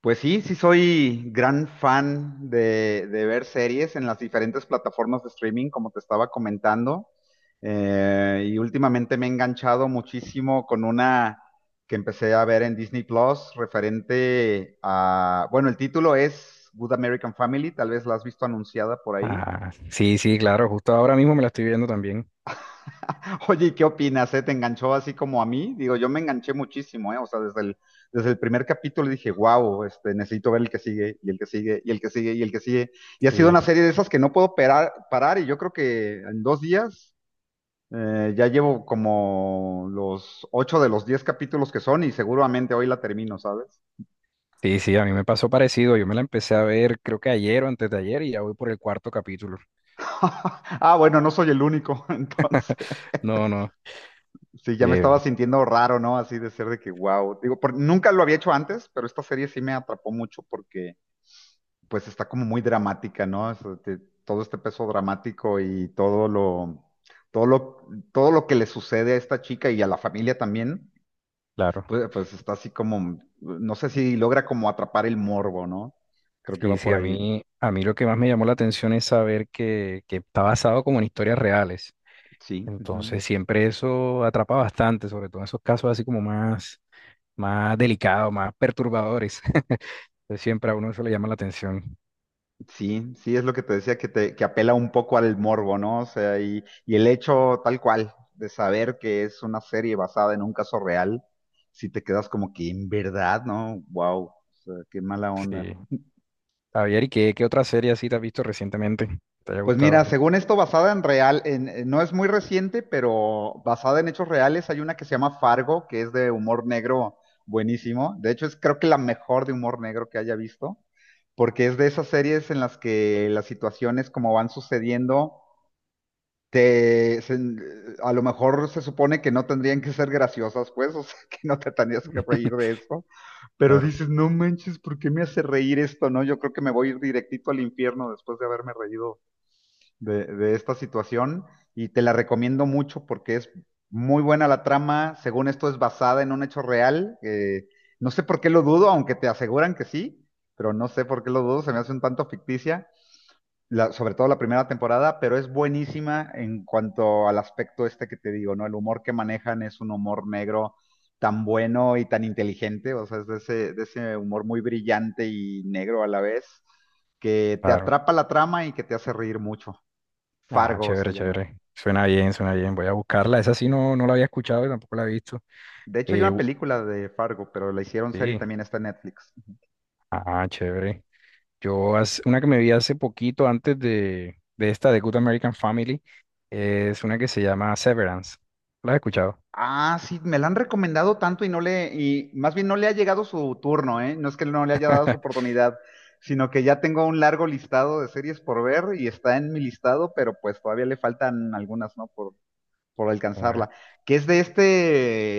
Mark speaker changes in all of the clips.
Speaker 1: Pues sí, sí soy gran fan de ver series en las diferentes plataformas de streaming, como te estaba comentando. Y últimamente me he enganchado muchísimo con una que empecé a ver en Disney Plus referente a, bueno, el título es Good American Family, tal vez la has visto anunciada por ahí.
Speaker 2: Ah, sí, sí, claro, justo ahora mismo me la estoy viendo también.
Speaker 1: Oye, ¿y qué opinas? ¿eh? ¿Te enganchó así como a mí? Digo, yo me enganché muchísimo, ¿eh? O sea, desde el primer capítulo dije, wow, este, necesito ver el que sigue, y el que sigue, y el que sigue, y el que sigue. Y ha sido
Speaker 2: Sí,
Speaker 1: una serie de esas que no puedo parar, parar y yo creo que en dos días ya llevo como los ocho de los 10 capítulos que son y seguramente hoy la termino, ¿sabes?
Speaker 2: sí, sí, a mí me pasó parecido. Yo me la empecé a ver creo que ayer o antes de ayer y ya voy por el cuarto capítulo.
Speaker 1: Ah, bueno, no soy el único, entonces.
Speaker 2: No, no,
Speaker 1: Sí, ya me
Speaker 2: eh,
Speaker 1: estaba sintiendo raro, ¿no? Así de ser de que, wow. Digo, nunca lo había hecho antes, pero esta serie sí me atrapó mucho porque pues está como muy dramática, ¿no? O sea, todo este peso dramático y todo lo que le sucede a esta chica y a la familia también,
Speaker 2: claro.
Speaker 1: pues está así como, no sé si logra como atrapar el morbo, ¿no? Creo que
Speaker 2: Sí,
Speaker 1: va
Speaker 2: sí,
Speaker 1: por
Speaker 2: a
Speaker 1: ahí.
Speaker 2: mí, a mí lo que más me llamó la atención es saber que está basado como en historias reales.
Speaker 1: Sí, ujú.
Speaker 2: Entonces siempre eso atrapa bastante, sobre todo en esos casos así como más, más delicados, más perturbadores. Entonces siempre a uno eso le llama la atención.
Speaker 1: Sí, sí, es lo que te decía, que apela un poco al morbo, ¿no? O sea, y el hecho tal cual de saber que es una serie basada en un caso real, si te quedas como que en verdad, ¿no? Wow, o sea, qué mala onda.
Speaker 2: Sí. Javier, ¿y qué, qué otra serie así te has visto recientemente? ¿Te haya
Speaker 1: Pues mira,
Speaker 2: gustado?
Speaker 1: según esto, basada en real, no es muy reciente, pero basada en hechos reales, hay una que se llama Fargo, que es de humor negro buenísimo. De hecho, es creo que la mejor de humor negro que haya visto, porque es de esas series en las que las situaciones como van sucediendo, a lo mejor se supone que no tendrían que ser graciosas, pues, o sea, que no te tendrías que reír de esto, pero
Speaker 2: Claro,
Speaker 1: dices, no manches, ¿por qué me hace reír esto? No, yo creo que me voy a ir directito al infierno después de haberme reído de esta situación y te la recomiendo mucho porque es muy buena la trama. Según esto es basada en un hecho real. No sé por qué lo dudo, aunque te aseguran que sí, pero no sé por qué lo dudo. Se me hace un tanto ficticia, sobre todo la primera temporada, pero es buenísima en cuanto al aspecto este que te digo, ¿no? El humor que manejan es un humor negro tan bueno y tan inteligente, o sea, es de ese humor muy brillante y negro a la vez, que te
Speaker 2: claro.
Speaker 1: atrapa la trama y que te hace reír mucho.
Speaker 2: Ah,
Speaker 1: Fargo se
Speaker 2: chévere,
Speaker 1: llama.
Speaker 2: chévere. Suena bien, suena bien. Voy a buscarla. Esa sí no, no la había escuchado y tampoco la he visto.
Speaker 1: De hecho, hay
Speaker 2: Eh,
Speaker 1: una
Speaker 2: u-
Speaker 1: película de Fargo, pero la hicieron serie y
Speaker 2: sí.
Speaker 1: también está en Netflix.
Speaker 2: Ah, chévere. Yo, una que me vi hace poquito antes de esta, de Good American Family, es una que se llama Severance. ¿La has escuchado?
Speaker 1: Ah, sí, me la han recomendado tanto y no le, y más bien no le ha llegado su turno, ¿eh? No es que no le haya dado su oportunidad, sino que ya tengo un largo listado de series por ver y está en mi listado, pero pues todavía le faltan algunas, ¿no? Por
Speaker 2: Ah,
Speaker 1: alcanzarla, que es de este,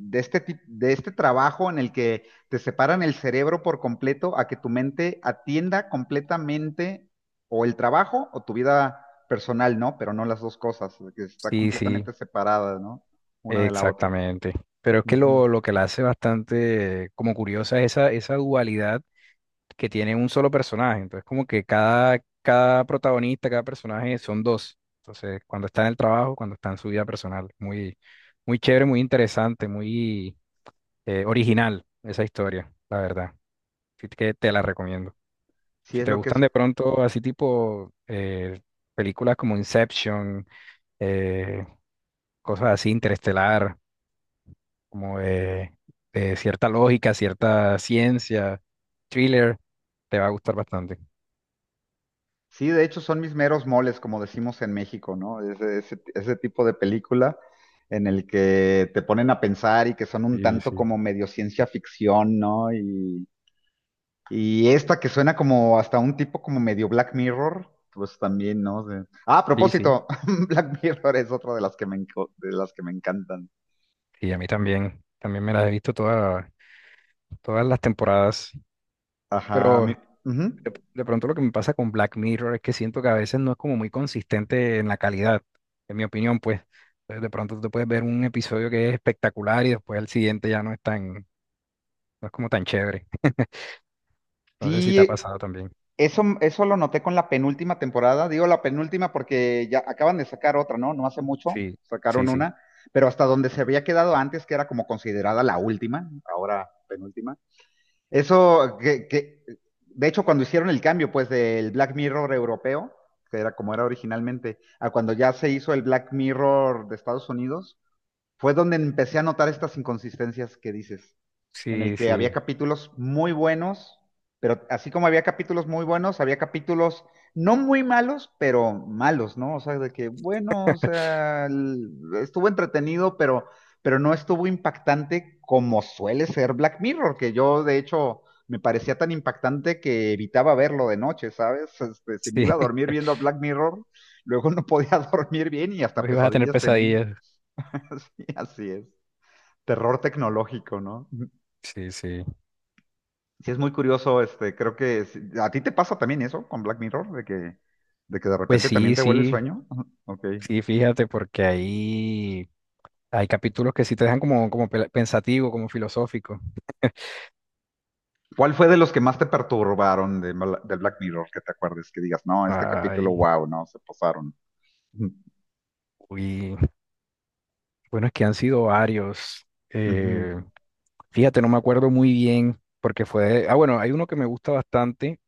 Speaker 1: de este, tip- de este trabajo en el que te separan el cerebro por completo a que tu mente atienda completamente o el trabajo o tu vida personal, ¿no? Pero no las dos cosas, que está
Speaker 2: sí, sí,
Speaker 1: completamente separada, ¿no? Una de la otra.
Speaker 2: exactamente. Pero es que lo,
Speaker 1: Ujú.
Speaker 2: lo que la hace bastante como curiosa es esa, esa dualidad que tiene un solo personaje. Entonces, como que cada, cada protagonista, cada personaje son dos. Entonces, cuando está en el trabajo, cuando está en su vida personal. Muy, muy chévere, muy interesante, muy original esa historia, la verdad. Así que te la recomiendo.
Speaker 1: Sí,
Speaker 2: Si
Speaker 1: es
Speaker 2: te
Speaker 1: lo que
Speaker 2: gustan
Speaker 1: es.
Speaker 2: de pronto así tipo películas como Inception, eh, cosas así, interestelar, como de cierta lógica, cierta ciencia, thriller, te va a gustar bastante.
Speaker 1: Sí, de hecho son mis meros moles, como decimos en México, ¿no? Ese tipo de película en el que te ponen a pensar y que son un
Speaker 2: Sí,
Speaker 1: tanto
Speaker 2: sí.
Speaker 1: como medio ciencia ficción, ¿no? Y esta que suena como hasta un tipo como medio Black Mirror, pues también, ¿no? De- Ah, a
Speaker 2: Sí, sí.
Speaker 1: propósito, Black Mirror es otra de las que de las que me encantan.
Speaker 2: Y a mí también, también me las he visto todas, todas las temporadas.
Speaker 1: Ajá,
Speaker 2: Pero
Speaker 1: ujú.
Speaker 2: de pronto lo que me pasa con Black Mirror es que siento que a veces no es como muy consistente en la calidad, en mi opinión, pues. Entonces, de pronto tú te puedes ver un episodio que es espectacular y después el siguiente ya no es tan, no es como tan chévere. No sé si te ha
Speaker 1: Sí,
Speaker 2: pasado también.
Speaker 1: eso lo noté con la penúltima temporada. Digo la penúltima porque ya acaban de sacar otra, ¿no? No hace mucho,
Speaker 2: Sí, sí,
Speaker 1: sacaron
Speaker 2: sí.
Speaker 1: una, pero hasta donde se había quedado antes, que era como considerada la última, ahora penúltima. Eso de hecho, cuando hicieron el cambio, pues, del Black Mirror europeo, que era como era originalmente, a cuando ya se hizo el Black Mirror de Estados Unidos, fue donde empecé a notar estas inconsistencias que dices en el
Speaker 2: Sí,
Speaker 1: que había
Speaker 2: sí,
Speaker 1: capítulos muy buenos, pero así como había capítulos muy buenos, había capítulos no muy malos, pero malos, ¿no? O sea, de que, bueno, o sea, estuvo entretenido, pero no estuvo impactante como suele ser Black Mirror, que yo de hecho me parecía tan impactante que evitaba verlo de noche, ¿sabes? Este, si me
Speaker 2: sí.
Speaker 1: iba a dormir viendo Black Mirror, luego no podía dormir bien y hasta
Speaker 2: Hoy vas a tener
Speaker 1: pesadillas tenía.
Speaker 2: pesadillas.
Speaker 1: Sí, así es. Terror tecnológico, ¿no?
Speaker 2: Sí, sí.
Speaker 1: Sí, es muy curioso, este, creo que a ti te pasa también eso con Black Mirror, de que de
Speaker 2: Pues
Speaker 1: repente también
Speaker 2: sí,
Speaker 1: te huele el
Speaker 2: sí,
Speaker 1: sueño. Ujú, ok.
Speaker 2: sí, fíjate, porque ahí. Hay capítulos que sí te dejan como, como pensativo, como filosófico.
Speaker 1: ¿Cuál fue de los que más te perturbaron de, del Black Mirror que te acuerdes? Que digas, no, este capítulo,
Speaker 2: Ay,
Speaker 1: wow, no, se pasaron. Ujú.
Speaker 2: uy. Bueno, es que han sido varios.
Speaker 1: Ujú.
Speaker 2: Fíjate, no me acuerdo muy bien porque fue... Ah, bueno, hay uno que me gusta bastante.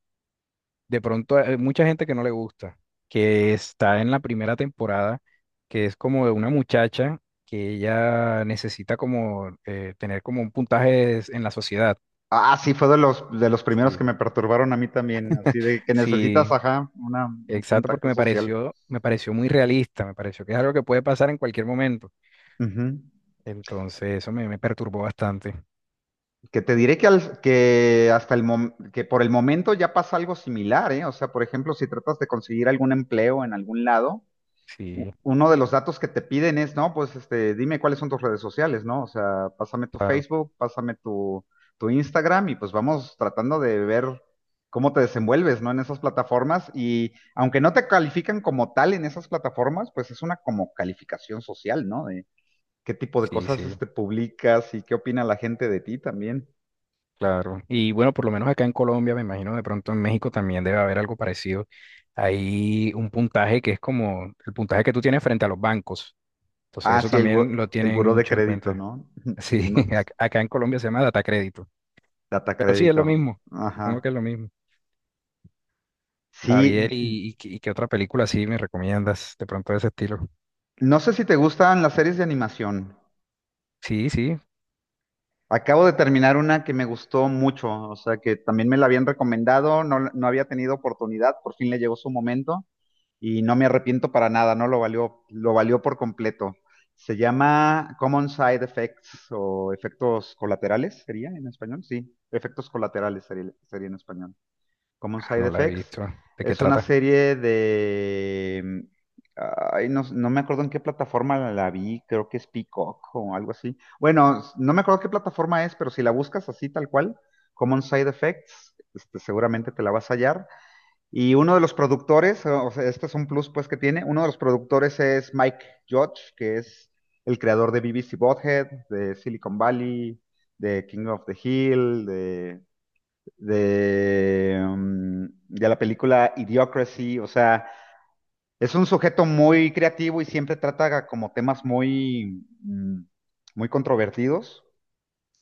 Speaker 2: De pronto hay mucha gente que no le gusta, que está en la primera temporada, que es como de una muchacha que ella necesita como tener como un puntaje en la sociedad.
Speaker 1: Ah, sí, fue de los primeros
Speaker 2: Sí,
Speaker 1: que me perturbaron a mí también, así de que necesitas,
Speaker 2: sí,
Speaker 1: ajá, un
Speaker 2: exacto,
Speaker 1: puntaje
Speaker 2: porque
Speaker 1: social.
Speaker 2: me pareció muy realista, me pareció que es algo que puede pasar en cualquier momento.
Speaker 1: Ujú.
Speaker 2: Entonces, me perturbó bastante.
Speaker 1: Que te diré que, que hasta que por el momento ya pasa algo similar, ¿eh? O sea, por ejemplo, si tratas de conseguir algún empleo en algún lado,
Speaker 2: Sí,
Speaker 1: uno de los datos que te piden es, no, pues este, dime cuáles son tus redes sociales, ¿no? O sea, pásame tu
Speaker 2: claro,
Speaker 1: Facebook, pásame tu, tu Instagram y pues vamos tratando de ver cómo te desenvuelves, ¿no? En esas plataformas y aunque no te califican como tal en esas plataformas, pues es una como calificación social, ¿no? De qué tipo de
Speaker 2: sí,
Speaker 1: cosas
Speaker 2: sí,
Speaker 1: este, publicas y qué opina la gente de ti también.
Speaker 2: claro. Y bueno, por lo menos acá en Colombia, me imagino de pronto en México también debe haber algo parecido. Hay un puntaje que es como el puntaje que tú tienes frente a los bancos. Entonces,
Speaker 1: Ah,
Speaker 2: eso
Speaker 1: sí,
Speaker 2: también lo
Speaker 1: el
Speaker 2: tienen
Speaker 1: buró de
Speaker 2: mucho en
Speaker 1: crédito,
Speaker 2: cuenta.
Speaker 1: ¿no?
Speaker 2: Sí,
Speaker 1: No,
Speaker 2: acá en Colombia se llama data crédito.
Speaker 1: data
Speaker 2: Pero sí, es lo
Speaker 1: crédito.
Speaker 2: mismo. Supongo que
Speaker 1: Ajá.
Speaker 2: es lo mismo.
Speaker 1: Sí,
Speaker 2: Javier, ¿y, y qué otra película así me recomiendas de pronto de ese estilo?
Speaker 1: no sé si te gustan las series de animación.
Speaker 2: Sí, sí.
Speaker 1: Acabo de terminar una que me gustó mucho, o sea, que también me la habían recomendado, no, no había tenido oportunidad, por fin le llegó su momento y no me arrepiento para nada, no lo valió, lo valió por completo. Se llama Common Side Effects o efectos colaterales, ¿sería en español? Sí, efectos colaterales sería sería en español. Common
Speaker 2: Ah,
Speaker 1: Side
Speaker 2: no la he
Speaker 1: Effects.
Speaker 2: visto. ¿De qué
Speaker 1: Es una
Speaker 2: trata?
Speaker 1: serie de... Ay, no, no me acuerdo en qué plataforma la vi, creo que es Peacock o algo así. Bueno, no me acuerdo qué plataforma es, pero si la buscas así tal cual, Common Side Effects, este, seguramente te la vas a hallar. Y uno de los productores, o sea, este es un plus pues que tiene, uno de los productores es Mike Judge, que es el creador de BBC Bothead, de Silicon Valley, de King of the Hill, de, de la película Idiocracy, o sea, es un sujeto muy creativo y siempre trata como temas muy, muy controvertidos.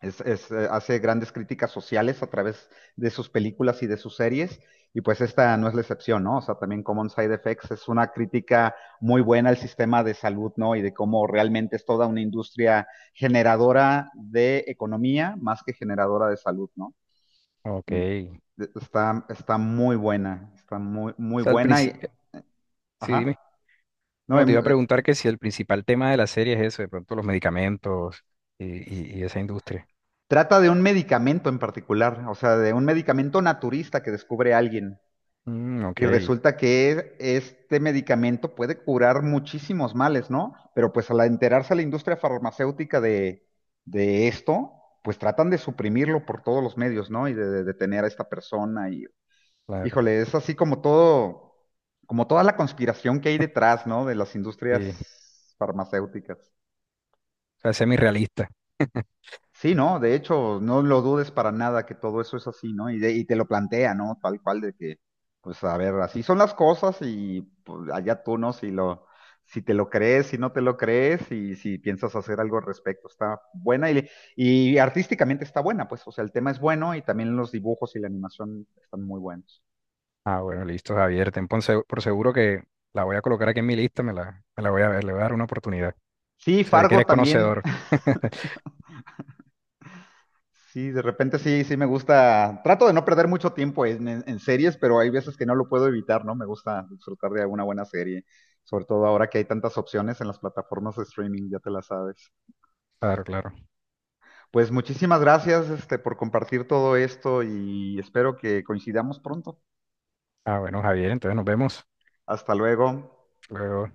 Speaker 1: Hace grandes críticas sociales a través de sus películas y de sus series. Y pues esta no es la excepción, ¿no? O sea, también Common Side Effects es una crítica muy buena al sistema de salud, ¿no? Y de cómo realmente es toda una industria generadora de economía más que generadora de salud, ¿no?
Speaker 2: Ok.
Speaker 1: Ni-
Speaker 2: O
Speaker 1: Está, está muy buena, está muy
Speaker 2: sea,
Speaker 1: buena y,
Speaker 2: Sí,
Speaker 1: ajá,
Speaker 2: dime.
Speaker 1: no,
Speaker 2: No, te iba a preguntar que si el principal tema de la serie es eso, de pronto los medicamentos y,
Speaker 1: s-
Speaker 2: y esa industria.
Speaker 1: trata de un medicamento en particular, o sea, de un medicamento naturista que descubre alguien
Speaker 2: Mm, ok,
Speaker 1: y resulta que este medicamento puede curar muchísimos males, ¿no? Pero pues al enterarse la industria farmacéutica de esto, pues tratan de suprimirlo por todos los medios, ¿no? Y de detener a esta persona y
Speaker 2: claro.
Speaker 1: Híjole, es así como todo, como toda la conspiración que hay detrás, ¿no? De las industrias
Speaker 2: Sí. O
Speaker 1: farmacéuticas.
Speaker 2: sea, semirrealista.
Speaker 1: Sí, ¿no? De hecho, no lo dudes para nada que todo eso es así, ¿no? Y, de- y te lo plantea, ¿no? Tal cual de que, pues a ver, así son las cosas y pues, allá tú, ¿no? Si te lo crees, si no te lo crees y si piensas hacer algo al respecto, está buena y artísticamente está buena, pues, o sea, el tema es bueno y también los dibujos y la animación están muy buenos.
Speaker 2: Ah, bueno, listo, Javier. Ten por por seguro que la voy a colocar aquí en mi lista, me la voy a ver, le voy a dar una oportunidad.
Speaker 1: Sí,
Speaker 2: Se ve que
Speaker 1: Fargo
Speaker 2: eres
Speaker 1: también,
Speaker 2: conocedor.
Speaker 1: sí, de repente sí, sí me gusta. Trato de no perder mucho tiempo en series, pero hay veces que no lo puedo evitar, ¿no? Me gusta disfrutar de alguna buena serie, sobre todo ahora que hay tantas opciones en las plataformas de streaming, ya te las sabes.
Speaker 2: Claro, claro.
Speaker 1: Pues muchísimas gracias, este, por compartir todo esto y espero que coincidamos pronto.
Speaker 2: Ah, bueno, Javier, entonces nos vemos
Speaker 1: Hasta luego.
Speaker 2: luego.